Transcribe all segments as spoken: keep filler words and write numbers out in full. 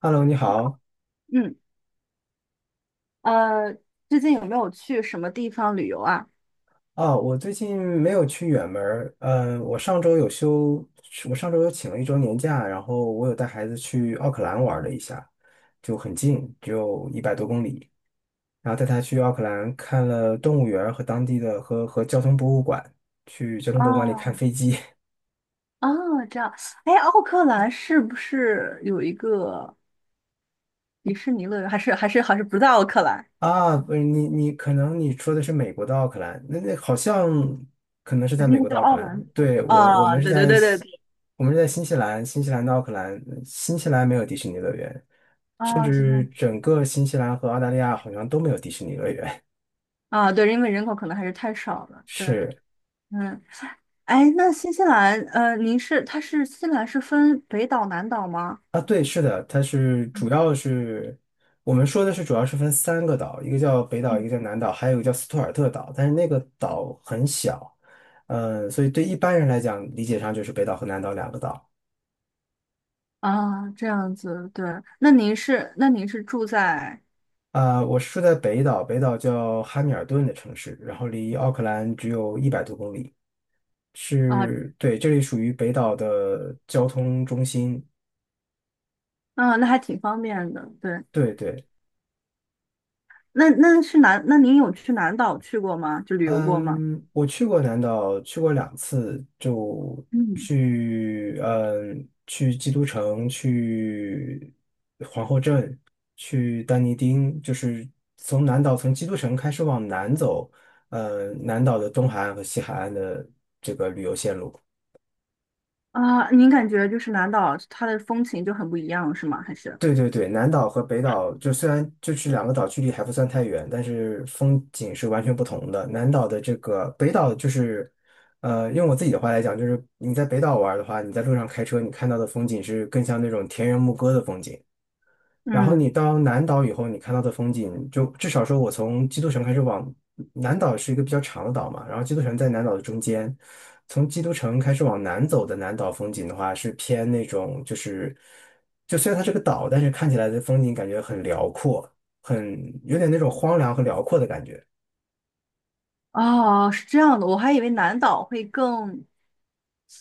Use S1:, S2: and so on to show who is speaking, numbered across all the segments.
S1: Hello，你好。
S2: 嗯，呃，最近有没有去什么地方旅游啊？
S1: 啊，我最近没有去远门儿，嗯，我上周有休，我上周有请了一周年假，然后我有带孩子去奥克兰玩了一下，就很近，只有一百多公里。然后带他去奥克兰看了动物园儿和当地的和和交通博物馆，去交通博物馆里看
S2: 哦，
S1: 飞机。
S2: 哦，这样，哎，奥克兰是不是有一个迪士尼乐园？还是还是还是不在奥克兰？
S1: 啊，不是你你可能你说的是美国的奥克兰，那那好像可能是
S2: 还
S1: 在
S2: 是那
S1: 美
S2: 个
S1: 国的
S2: 叫
S1: 奥克
S2: 奥
S1: 兰。
S2: 兰多？
S1: 对，我我
S2: 啊、
S1: 们是
S2: 对对
S1: 在
S2: 对对
S1: 西
S2: 对，
S1: 我们是在新西兰，新西兰的奥克兰，新西兰没有迪士尼乐园，甚
S2: 啊、是这
S1: 至
S2: 样。
S1: 整个新西兰和澳大利亚好像都没有迪士尼乐园。
S2: 啊，对，因为人口可能还是太少 了。对，
S1: 是
S2: 嗯，哎，那新西兰，呃，您是它是新西兰是分北岛南岛吗？
S1: 啊，对，是的，它是主要是我们说的是主要是分三个岛，一个叫北岛，一
S2: 嗯
S1: 个叫南岛，还有一个叫斯图尔特岛，但是那个岛很小，嗯，所以对一般人来讲，理解上就是北岛和南岛两个岛。
S2: 啊，这样子，对，那您是那您是住在
S1: 啊、我是住在北岛，北岛叫哈密尔顿的城市，然后离奥克兰只有一百多公里。
S2: 啊
S1: 是，对，这里属于北岛的交通中心。
S2: 啊，那还挺方便的，对。
S1: 对对，
S2: 那那是南，那您有去南岛去过吗？就旅游过吗？
S1: 嗯，我去过南岛，去过两次，就
S2: 嗯，
S1: 去，嗯，去基督城，去皇后镇，去丹尼丁，就是从南岛从基督城开始往南走。呃，南岛的东海岸和西海岸的。
S2: 啊，您感觉就是南岛它的风情就很不一样，是吗？还是？
S1: 对对对，南岛和北岛就虽然就是两个岛距离还不算太远，但是风景是完全不同的。南岛的这个北岛就是，呃，用我自己的话来讲，就是你在北岛玩儿的话，你在路上开车，你看到的风景是更像那种田园牧歌的风景。然后你
S2: 嗯，
S1: 到南岛以后，你看到的风景，就至少说，我从基督城开始往南岛是一个比较长的岛嘛，然后基督城在南岛的中间。从基督城开始往南走的南岛风景的话，是偏那种就是，就虽然它是个岛，但是看起来的风景感觉很辽阔，很有点那种荒凉和辽阔的感觉。
S2: 哦，是这样的，我还以为南岛会更，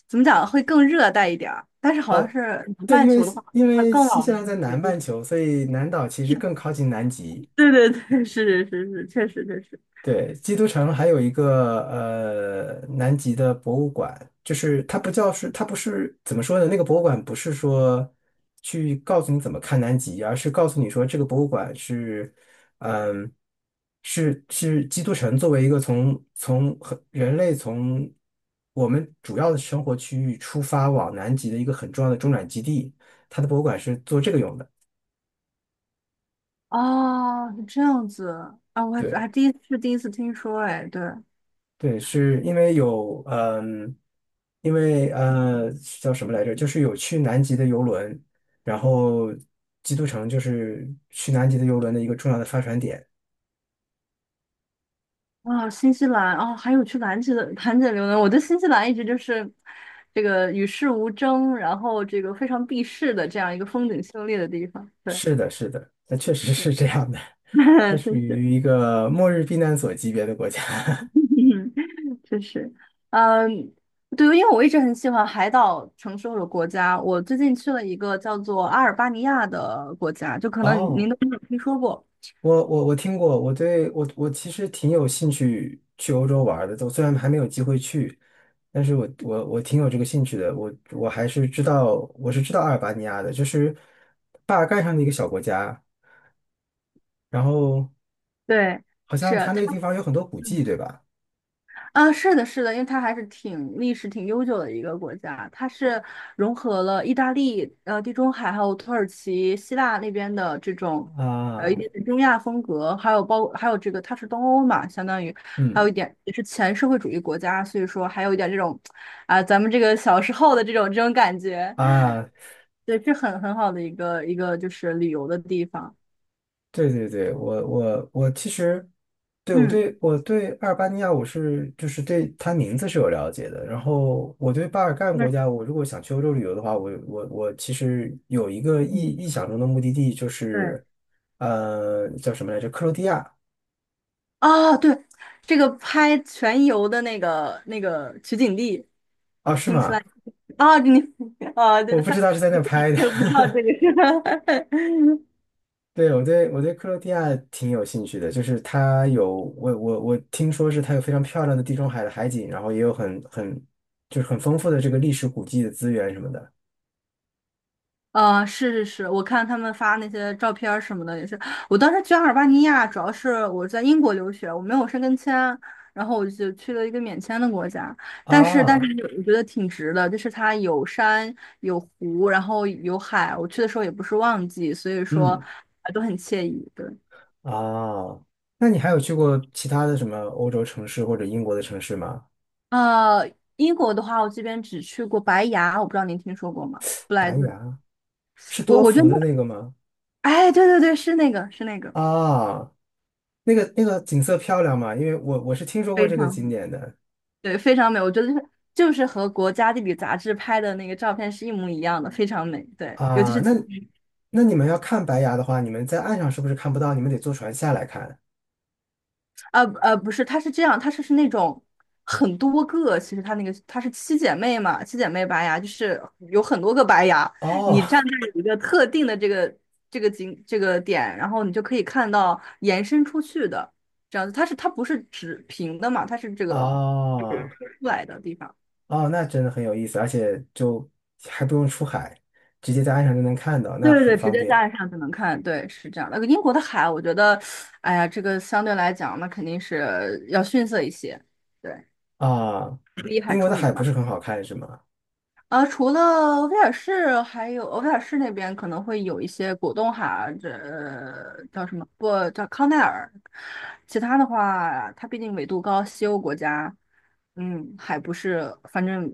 S2: 怎么讲，会更热带一点儿，但是好像
S1: 哦，
S2: 是南
S1: 对，
S2: 半
S1: 因为
S2: 球的话，
S1: 因
S2: 它
S1: 为
S2: 更
S1: 新
S2: 往
S1: 西兰在南半球，所以南岛其实更靠近南极。
S2: 对。 对对对，是是是是，确实确实。
S1: 对，基督城还有一个呃南极的博物馆，就是它不叫是它不是怎么说呢？那个博物馆不是说去告诉你怎么看南极，而是告诉你说这个博物馆是嗯是是基督城作为一个从从很人类从我们主要的生活区域出发往南极的一个很重要的中转基地，它的博物馆是做这个用的。
S2: 哦，是这样子啊，我还还
S1: 对。
S2: 第一次第一次听说，哎，对，
S1: 对，是因为有嗯，因为呃叫什么来着？就是有去南极的游轮，然后基督城就是去南极的游轮的一个重要的发船点。
S2: 啊，新西兰啊，还有去南极的兰芝游呢。我对新西兰一直就是这个与世无争，然后这个非常避世的这样一个风景秀丽的地方。对，
S1: 是的，是的，那确实
S2: 对，
S1: 是这样的，它 属
S2: 真是，
S1: 于一个末日避难所级别的国家。
S2: 嗯，真是，嗯，对，因为我一直很喜欢海岛城市或者国家。我最近去了一个叫做阿尔巴尼亚的国家，就可 能您
S1: 哦。
S2: 都没有听说过。
S1: 我我我听过，我对我我其实挺有兴趣去欧洲玩儿的，我虽然还没有机会去，但是我我我挺有这个兴趣的，我我还是知道我是知道阿尔巴尼亚的，就是巴尔干上的一个小国家，然后
S2: 对，
S1: 好
S2: 是
S1: 像它那个地
S2: 它。
S1: 方有很多古迹，对吧？
S2: 啊，是的，是的，因为它还是挺历史挺悠久的一个国家，它是融合了意大利、呃地中海还有土耳其、希腊那边的这种呃一
S1: 啊，
S2: 点点中亚风格，还有包还有这个它是东欧嘛，相当于还有一
S1: 嗯
S2: 点也是前社会主义国家，所以说还有一点这种啊、咱们这个小时候的这种这种感觉，
S1: 啊，
S2: 对，是很很好的一个一个就是旅游的地方，
S1: 对对对，我我我其实对我
S2: 嗯，
S1: 对我对阿尔巴尼亚我是就是对它名字是有了解的，然后我对巴尔干
S2: 那
S1: 国家，我如果想去欧洲旅游的话，我我我其实有一个意
S2: 嗯，
S1: 意想中的目的地就
S2: 对。
S1: 是呃叫什么来着？克罗地亚。
S2: 啊，对，这个拍全游的那个那个取景地，
S1: 啊，是
S2: 听起
S1: 吗？
S2: 来啊，你啊，对
S1: 我
S2: 对，
S1: 不
S2: 他
S1: 知道是在那拍的。
S2: 我不知道这 个是。
S1: 对，我对我对克罗地亚挺有兴趣的，就是它有我我我听说是它有非常漂亮的地中海的海景，然后也有很很就是很丰富的这个历史古迹的资源什么的。
S2: 呃，是是是，我看他们发那些照片儿什么的也是，我当时去阿尔巴尼亚，主要是我在英国留学，我没有申根签，然后我就去了一个免签的国家，但是但是
S1: 啊，
S2: 我觉得挺值的，就是它有山有湖，然后有海，我去的时候也不是旺季，所以说
S1: 嗯
S2: 呃都很惬意，对。
S1: 啊，那你还有去过其他的什么欧洲城市或者英国的城市吗？
S2: 呃，英国的话，我这边只去过白崖，我不知道您听说过吗？布莱
S1: 白
S2: 顿，
S1: 崖是
S2: 我
S1: 多
S2: 我觉得
S1: 福
S2: 那，
S1: 的那个吗？
S2: 哎，对对对，是那个，是那个，
S1: 啊，那个那个景色漂亮吗？因为我我是听说过
S2: 非
S1: 这个景
S2: 常
S1: 点的。
S2: 对，非常美。我觉得就是就是和国家地理杂志拍的那个照片是一模一样的，非常美。对，尤其
S1: 啊，
S2: 是
S1: 那那你们要看白崖的话，你们在岸上是不是看不到？你们得坐船下来看。
S2: 呃呃，不是，它是这样，它是是那种很多个，其实它那个它是七姐妹嘛，七姐妹白牙就是有很多个白牙，
S1: 哦
S2: 你站在一个特定的这个这个景这个点，然后你就可以看到延伸出去的这样子，它是它不是直平的嘛，它是这个
S1: 哦
S2: 出来的地方。
S1: 哦，那真的很有意思，而且就还不用出海，直接在岸上就能看到，
S2: 对
S1: 那
S2: 对
S1: 很
S2: 对，直
S1: 方
S2: 接
S1: 便
S2: 站上就能看，对，是这样那个英国的海，我觉得，哎呀，这个相对来讲，那肯定是要逊色一些，对，
S1: 啊。
S2: 第海
S1: 英国
S2: 出
S1: 的海
S2: 名
S1: 不
S2: 嘛。
S1: 是很好看是吗？
S2: 呃，除了威尔士，还有呃威尔士那边可能会有一些果冻海，这呃叫什么？不叫康奈尔。其他的话，它毕竟纬度高，西欧国家，嗯，还不是，反正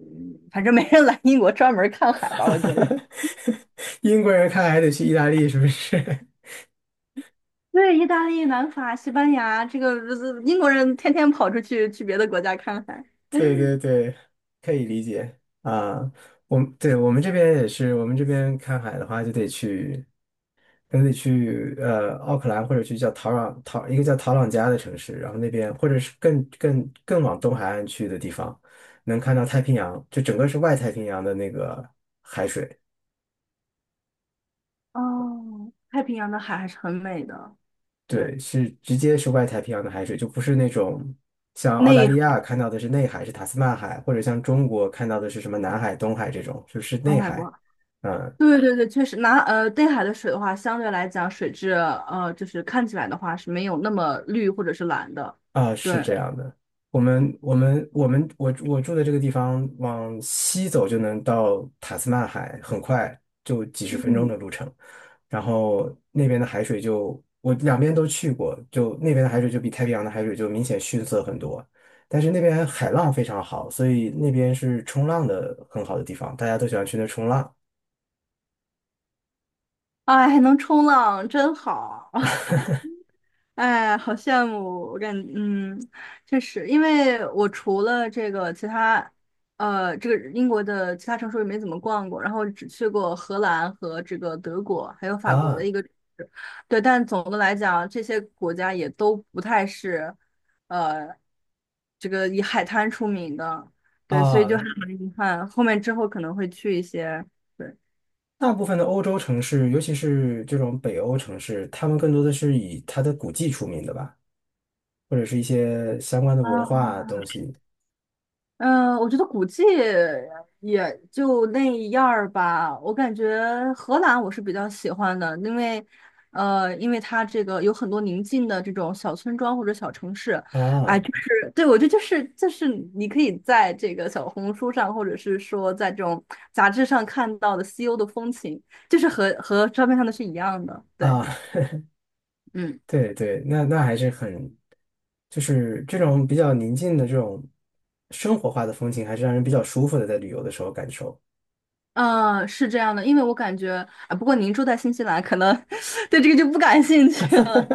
S2: 反正没人来英国专门看海吧，我觉得。
S1: 英国人看海得去意大利是不是？
S2: 对，意大利、南法、西班牙，这个呃英国人天天跑出去去别的国家看海。
S1: 对对对，可以理解啊。我们对我们这边也是，我们这边看海的话就得去。可能得去呃奥克兰，或者去叫陶朗陶一个叫陶朗加的城市，然后那边或者是更更更往东海岸去的地方，能看到太平洋，就整个是外太平洋的那个海水。
S2: 哦，太平洋的海还是很美的，对，
S1: 对，是直接是外太平洋的海水，就不是那种像澳大
S2: 内
S1: 利
S2: 海
S1: 亚看到的是内海，是塔斯曼海，或者像中国看到的是什么南海、东海这种，就是内
S2: 东海
S1: 海，
S2: 不？
S1: 嗯。
S2: 对对对，确实拿呃内海的水的话，相对来讲水质呃就是看起来的话是没有那么绿或者是蓝的，
S1: 啊，是
S2: 对，
S1: 这样的，我们我们我们我我住的这个地方往西走就能到塔斯曼海，很快就几十分钟
S2: 嗯，
S1: 的路程。然后那边的海水就我两边都去过，就那边的海水就比太平洋的海水就明显逊色很多。但是那边海浪非常好，所以那边是冲浪的很好的地方，大家都喜欢去那冲浪。
S2: 哎，还能冲浪真好。哎，好羡慕！我感嗯，确实，因为我除了这个其他，呃，这个英国的其他城市也没怎么逛过，然后只去过荷兰和这个德国，还有法国的
S1: 啊。
S2: 一个城市，对。但总的来讲，这些国家也都不太是，呃，这个以海滩出名的，对，所以就很
S1: 啊，
S2: 遗憾。后面之后可能会去一些，对，
S1: 大部分的欧洲城市，尤其是这种北欧城市，他们更多的是以它的古迹出名的吧，或者是一些相关的文
S2: 啊，
S1: 化东西。
S2: 嗯，我觉得古迹也就那样儿吧。我感觉荷兰我是比较喜欢的，因为，呃，因为它这个有很多宁静的这种小村庄或者小城市，哎，
S1: 啊。
S2: 就是对我觉得就是就是你可以在这个小红书上或者是说在这种杂志上看到的西欧的风情，就是和和照片上的是一样的，对。
S1: 啊，
S2: 嗯，
S1: 对对，那那还是很，就是这种比较宁静的这种生活化的风情，还是让人比较舒服的，在旅游的时候感受。
S2: 嗯，是这样的，因为我感觉啊，不过您住在新西兰，可能 对这个就不感兴趣了。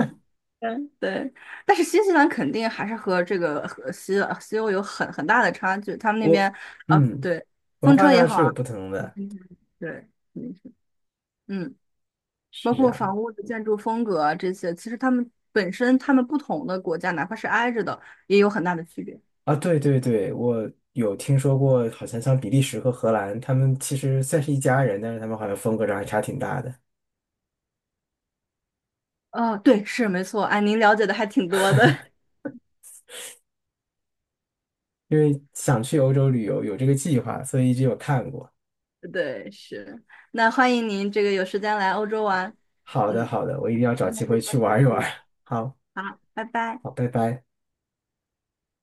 S2: 嗯，对，但是新西兰肯定还是和这个和西西欧有很很大的差距。他们那
S1: 我
S2: 边啊，
S1: 嗯，
S2: 对，
S1: 文
S2: 风
S1: 化
S2: 车也
S1: 上
S2: 好
S1: 是有
S2: 啊，
S1: 不同 的，
S2: 嗯对，肯定是，嗯，包
S1: 是这
S2: 括
S1: 样。
S2: 房屋的建筑风格啊这些，其实他们本身他们不同的国家，哪怕是挨着的，也有很大的区别。
S1: 啊，对对对，我有听说过，好像像比利时和荷兰，他们其实算是一家人，但是他们好像风格上还差挺大的。
S2: 哦，对，是没错，哎，您了解的还挺多的，
S1: 因为想去欧洲旅游，有这个计划，所以一直有看过。
S2: 对，是。那欢迎您这个有时间来欧洲玩，
S1: 好的，
S2: 嗯，
S1: 好的，我一定要找
S2: 那
S1: 机
S2: 就
S1: 会
S2: 到
S1: 去
S2: 这
S1: 玩一玩。
S2: 里，
S1: 好，
S2: 好，拜拜。
S1: 好，拜拜。